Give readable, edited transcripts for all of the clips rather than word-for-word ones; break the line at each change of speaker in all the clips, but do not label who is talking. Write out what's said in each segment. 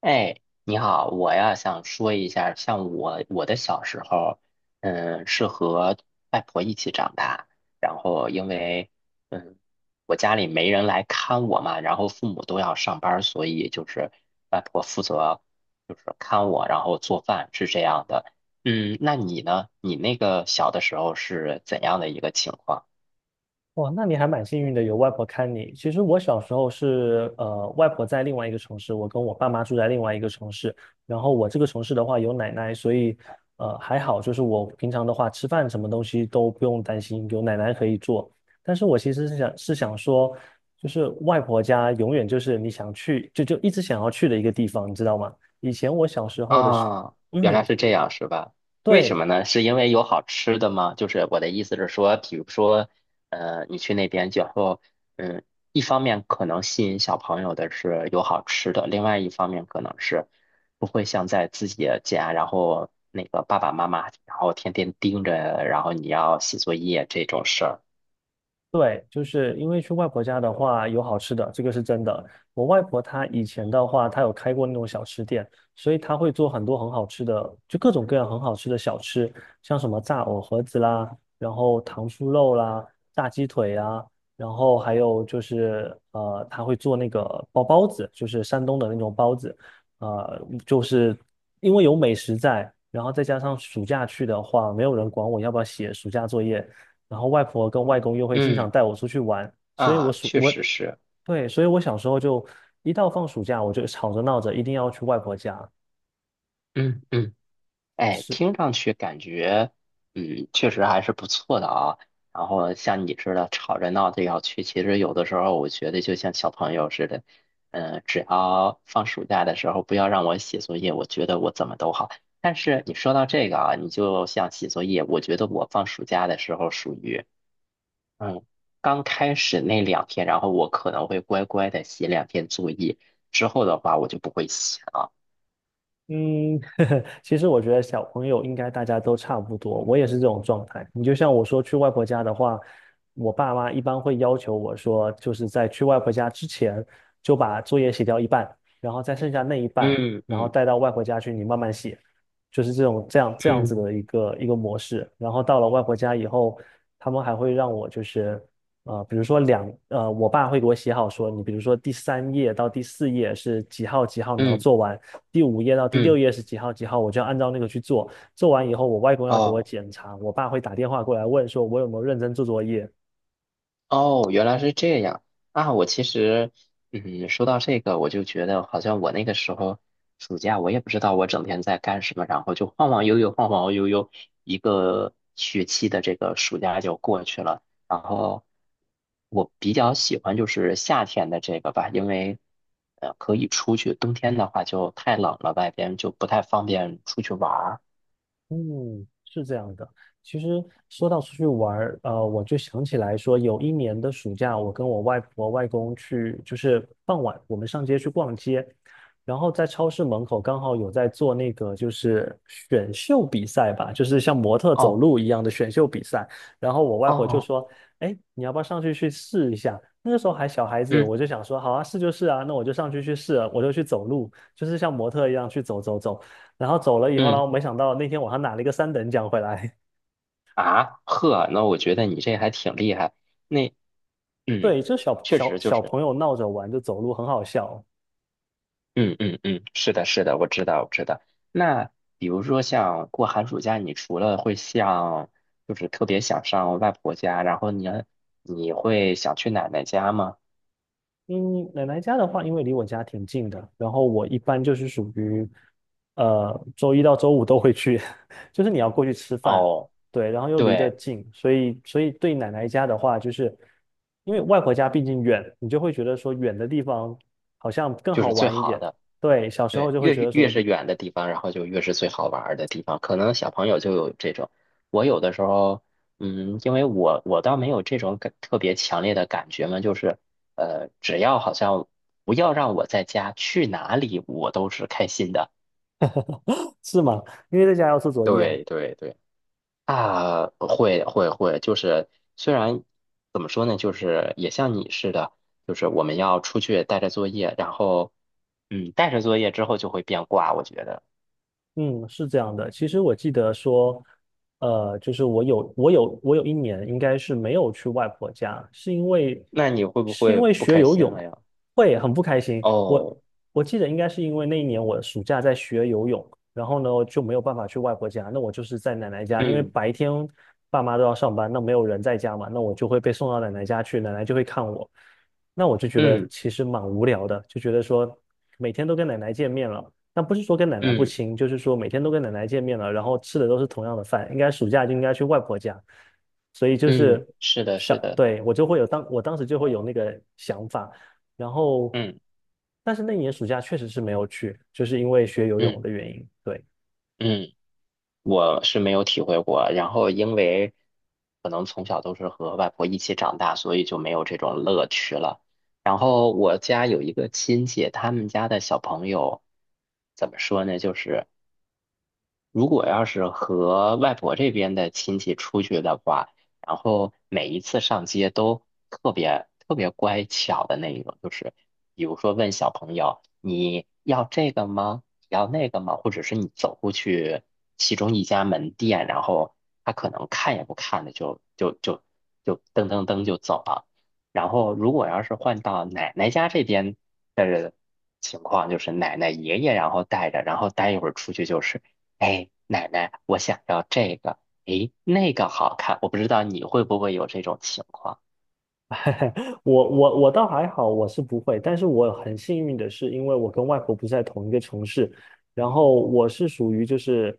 哎，你好，我呀想说一下，像我的小时候，是和外婆一起长大，然后因为嗯，我家里没人来看我嘛，然后父母都要上班儿所以就是外婆负责就是看我，然后做饭是这样的。那你呢？你那个小的时候是怎样的一个情况？
哇，那你还蛮幸运的，有外婆看你。其实我小时候是，外婆在另外一个城市，我跟我爸妈住在另外一个城市。然后我这个城市的话有奶奶，所以，还好，就是我平常的话吃饭什么东西都不用担心，有奶奶可以做。但是我其实是想说，就是外婆家永远就是你想去就一直想要去的一个地方，你知道吗？以前我小时候的时，
啊，原来
嗯，
是这样，是吧？为什么
对，
呢？是因为有好吃的吗？就是我的意思是说，比如说，你去那边之后，嗯，一方面可能吸引小朋友的是有好吃的，另外一方面可能是不会像在自己的家，然后那个爸爸妈妈，然后天天盯着，然后你要写作业这种事儿。
对，就是因为去外婆家的话有好吃的，这个是真的。我外婆她以前的话，她有开过那种小吃店，所以她会做很多很好吃的，就各种各样很好吃的小吃，像什么炸藕盒子啦，然后糖醋肉啦，炸鸡腿啊，然后还有就是她会做那个包包子，就是山东的那种包子，就是因为有美食在，然后再加上暑假去的话，没有人管我要不要写暑假作业。然后外婆跟外公又会经常
嗯，
带我出去玩，所以我
啊，
暑
确
我
实是。
对，所以我小时候就一到放暑假，我就吵着闹着一定要去外婆家。
嗯嗯。哎，
是。
听上去感觉，确实还是不错的啊。然后像你似的吵着闹着要去，其实有的时候我觉得就像小朋友似的，只要放暑假的时候不要让我写作业，我觉得我怎么都好。但是你说到这个啊，你就像写作业，我觉得我放暑假的时候属于，嗯，刚开始那两天，然后我可能会乖乖的写两天作业，之后的话我就不会写了。
嗯，其实我觉得小朋友应该大家都差不多，我也是这种状态。你就像我说去外婆家的话，我爸妈一般会要求我说，就是在去外婆家之前就把作业写掉一半，然后再剩下那一半，
嗯
然后
嗯
带到外婆家去你慢慢写，就是这种这样子
嗯
的一个一个模式。然后到了外婆家以后，他们还会让我就是比如说我爸会给我写好说，你比如说第三页到第四页是几号几号你要
嗯
做完。第五页到第六
嗯，
页是几号几号，我就要按照那个去做。做完以后，我外公要给我
哦。
检查，我爸会打电话过来问说，我有没有认真做作业。
哦，原来是这样啊！我其实，说到这个，我就觉得好像我那个时候暑假，我也不知道我整天在干什么，然后就晃晃悠悠，晃晃悠悠，一个学期的这个暑假就过去了。然后我比较喜欢就是夏天的这个吧，因为可以出去，冬天的话就太冷了，外边就不太方便出去玩儿。
嗯，是这样的。其实说到出去玩儿，我就想起来说，有一年的暑假，我跟我外婆外公去，就是傍晚我们上街去逛街，然后在超市门口刚好有在做那个就是选秀比赛吧，就是像模特走
哦
路一样的选秀比赛。然后我外婆就
哦，
说：“哎，你要不要上去去试一下？”那个时候还小孩子，我
嗯
就想说：“好啊，试就试啊。”那我就上去去试了，我就去走路，就是像模特一样去走走走。然后走了以后，然
嗯
后没想到那天我还拿了一个三等奖回来。
啊呵，那我觉得你这还挺厉害。那。嗯，
对，就小
确
小
实就
小
是，
朋友闹着玩，就走路很好笑。
嗯嗯嗯，是的，是的，我知道，我知道。那比如说像过寒暑假，你除了会像，就是特别想上外婆家，然后你会想去奶奶家吗？
嗯，奶奶家的话，因为离我家挺近的，然后我一般就是属于，周一到周五都会去，就是你要过去吃饭，
哦，
对，然后又离得
对，
近，所以对奶奶家的话，就是因为外婆家毕竟远，你就会觉得说远的地方好像更
就
好
是最
玩一
好
点。
的。
对，小时候
对，
就会
越
觉得说
越
远。
是远的地方，然后就越是最好玩儿的地方。可能小朋友就有这种，我有的时候，因为我倒没有这种感特别强烈的感觉嘛，就是，只要好像不要让我在家，去哪里我都是开心的。
是吗？因为在家要做作业，
对对对，啊，会会会，就是虽然怎么说呢，就是也像你似的，就是我们要出去带着作业，然后带着作业之后就会变卦，我觉得。
嗯，是这样的。其实我记得说，就是我有一年应该是没有去外婆家，是因为
那你会不
是因
会
为
不
学
开
游
心
泳
了呀？
会很不开心。
哦，
我记得应该是因为那一年我暑假在学游泳，然后呢就没有办法去外婆家，那我就是在奶奶家，因为
嗯
白天爸妈都要上班，那没有人在家嘛，那我就会被送到奶奶家去，奶奶就会看我。那我就觉得
嗯
其实蛮无聊的，就觉得说每天都跟奶奶见面了。但不是说跟奶奶不
嗯
亲，就是说每天都跟奶奶见面了，然后吃的都是同样的饭，应该暑假就应该去外婆家，所以就
嗯，
是
是的，是的，
对，我当时就会有那个想法，然后，
嗯
但是那一年暑假确实是没有去，就是因为学游泳
嗯
的原因，对。
嗯，我是没有体会过。然后因为可能从小都是和外婆一起长大，所以就没有这种乐趣了。然后我家有一个亲戚，他们家的小朋友怎么说呢？就是。如果要是和外婆这边的亲戚出去的话，然后每一次上街都特别特别乖巧的那一种，就是比如说问小朋友你要这个吗？你要那个吗？或者是你走过去其中一家门店，然后他可能看也不看的就噔噔噔就走了。然后如果要是换到奶奶家这边的情况，就是奶奶爷爷然后带着，然后待一会儿出去就是。哎，奶奶，我想要这个，哎，那个好看。我不知道你会不会有这种情况。
我倒还好，我是不会，但是我很幸运的是，因为我跟外婆不是在同一个城市，然后我是属于就是，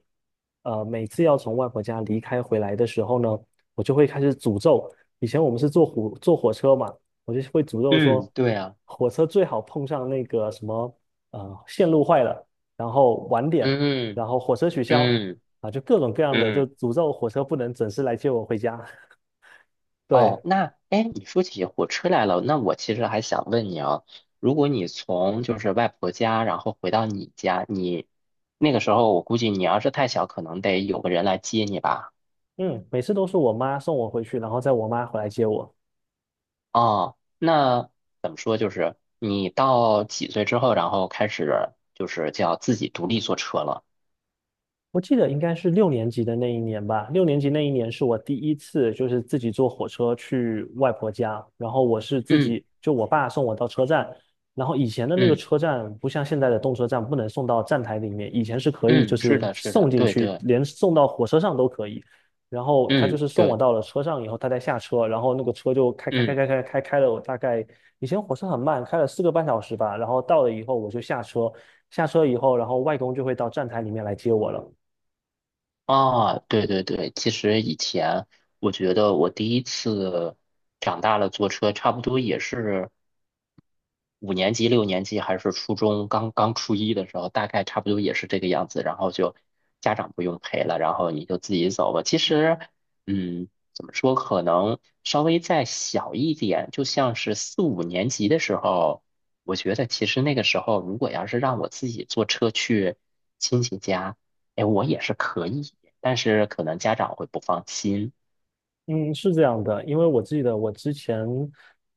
每次要从外婆家离开回来的时候呢，我就会开始诅咒。以前我们是坐火车嘛，我就会诅咒
嗯，
说，
对啊，
火车最好碰上那个什么，线路坏了，然后晚点，然
嗯
后火车取消，
嗯
啊，就各种各样的，就
嗯。
诅咒火车不能准时来接我回家。
哦，
对。
那哎，你说起火车来了，那我其实还想问你啊，如果你从就是外婆家，然后回到你家，你那个时候我估计你要是太小，可能得有个人来接你吧？
嗯，每次都是我妈送我回去，然后再我妈回来接我。
哦，那怎么说，就是你到几岁之后，然后开始就是叫自己独立坐车了。
我记得应该是六年级的那一年吧。六年级那一年是我第一次，就是自己坐火车去外婆家。然后我是自
嗯。
己，就我爸送我到车站。然后以前的那个
嗯
车站不像现在的动车站，不能送到站台里面，以前是可以，
嗯，
就
是
是
的，是
送
的，
进
对
去，
对，
连送到火车上都可以。然后他就
嗯
是送我
对，
到了车上以后，他再下车，然后那个车就开开开
嗯。
开开开开了我大概以前火车很慢，开了4个半小时吧。然后到了以后我就下车，下车以后，然后外公就会到站台里面来接我了。
啊，对对对，其实以前我觉得我第一次长大了坐车，差不多也是五年级、六年级还是初中刚刚初一的时候，大概差不多也是这个样子。然后就家长不用陪了，然后你就自己走吧。其实，嗯，怎么说，可能稍微再小一点，就像是四五年级的时候，我觉得其实那个时候，如果要是让我自己坐车去亲戚家。哎，我也是可以但是可能家长会不放心。
嗯，是这样的，因为我记得我之前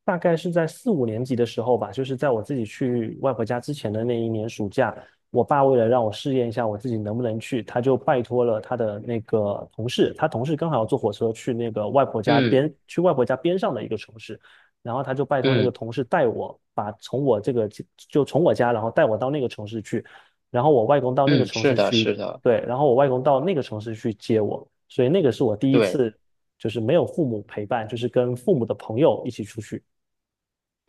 大概是在4、5年级的时候吧，就是在我自己去外婆家之前的那一年暑假，我爸为了让我试验一下我自己能不能去，他就拜托了他的那个同事，他同事刚好要坐火车去那个外婆家
嗯
边，去外婆家边上的一个城市，然后他就拜托那个
嗯
同事带我，把从我这个就从我家，然后带我到那个城市去，然后我外公到那个
嗯，
城
是
市
的，
去，
是的，
对，然后我外公到那个城市去接我。所以那个是我第一
对，
次就是没有父母陪伴，就是跟父母的朋友一起出去。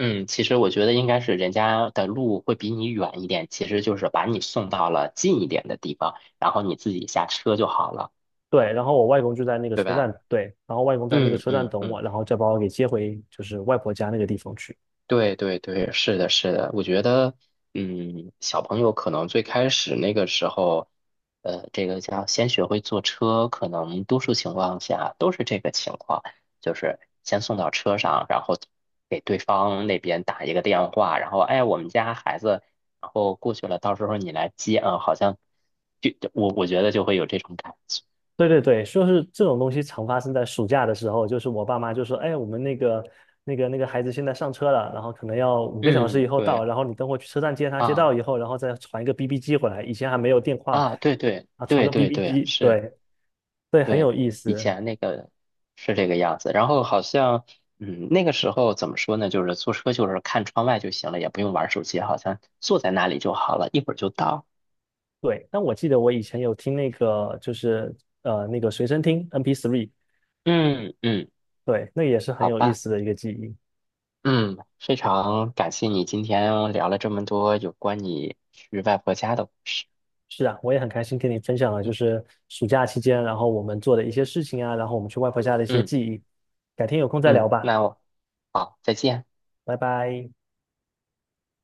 嗯，其实我觉得应该是人家的路会比你远一点，其实就是把你送到了近一点的地方，然后你自己下车就好了，
对，然后我外公就在那个
对
车站，
吧？
对，然后外公在那个
嗯
车站
嗯
等我，
嗯。
然后再把我给接回就是外婆家那个地方去。
对对对，是的，是的，我觉得，小朋友可能最开始那个时候，这个叫先学会坐车，可能多数情况下都是这个情况，就是先送到车上，然后给对方那边打一个电话，然后哎，我们家孩子，然后过去了，到时候你来接啊，好像就我觉得就会有这种感觉，
对对对，就是这种东西常发生在暑假的时候，就是我爸妈就说，哎，我们那个孩子现在上车了，然后可能要5个小时以
嗯，
后到，
对
然后你等会去车站接他，接到
啊
以后，然后再传一个 BB 机回来。以前还没有电话
啊，对对
啊，传
对
个
对
BB
对，
机，
是。
对对，很
对，
有意
以
思。
前那个是这个样子，然后好像，那个时候怎么说呢？就是坐车就是看窗外就行了，也不用玩手机，好像坐在那里就好了，一会儿就到。
对，但我记得我以前有听那个，就是那个随身听 MP3，
嗯嗯，
对，那也是很
好
有意
吧，
思的一个记忆。
嗯，非常感谢你今天聊了这么多有关你去外婆家的故事。
是啊，我也很开心跟你分享了，就
嗯
是暑假期间，然后我们做的一些事情啊，然后我们去外婆家的一些
嗯
记忆。改天有空再
嗯，
聊吧，
那我好，再见。
拜拜。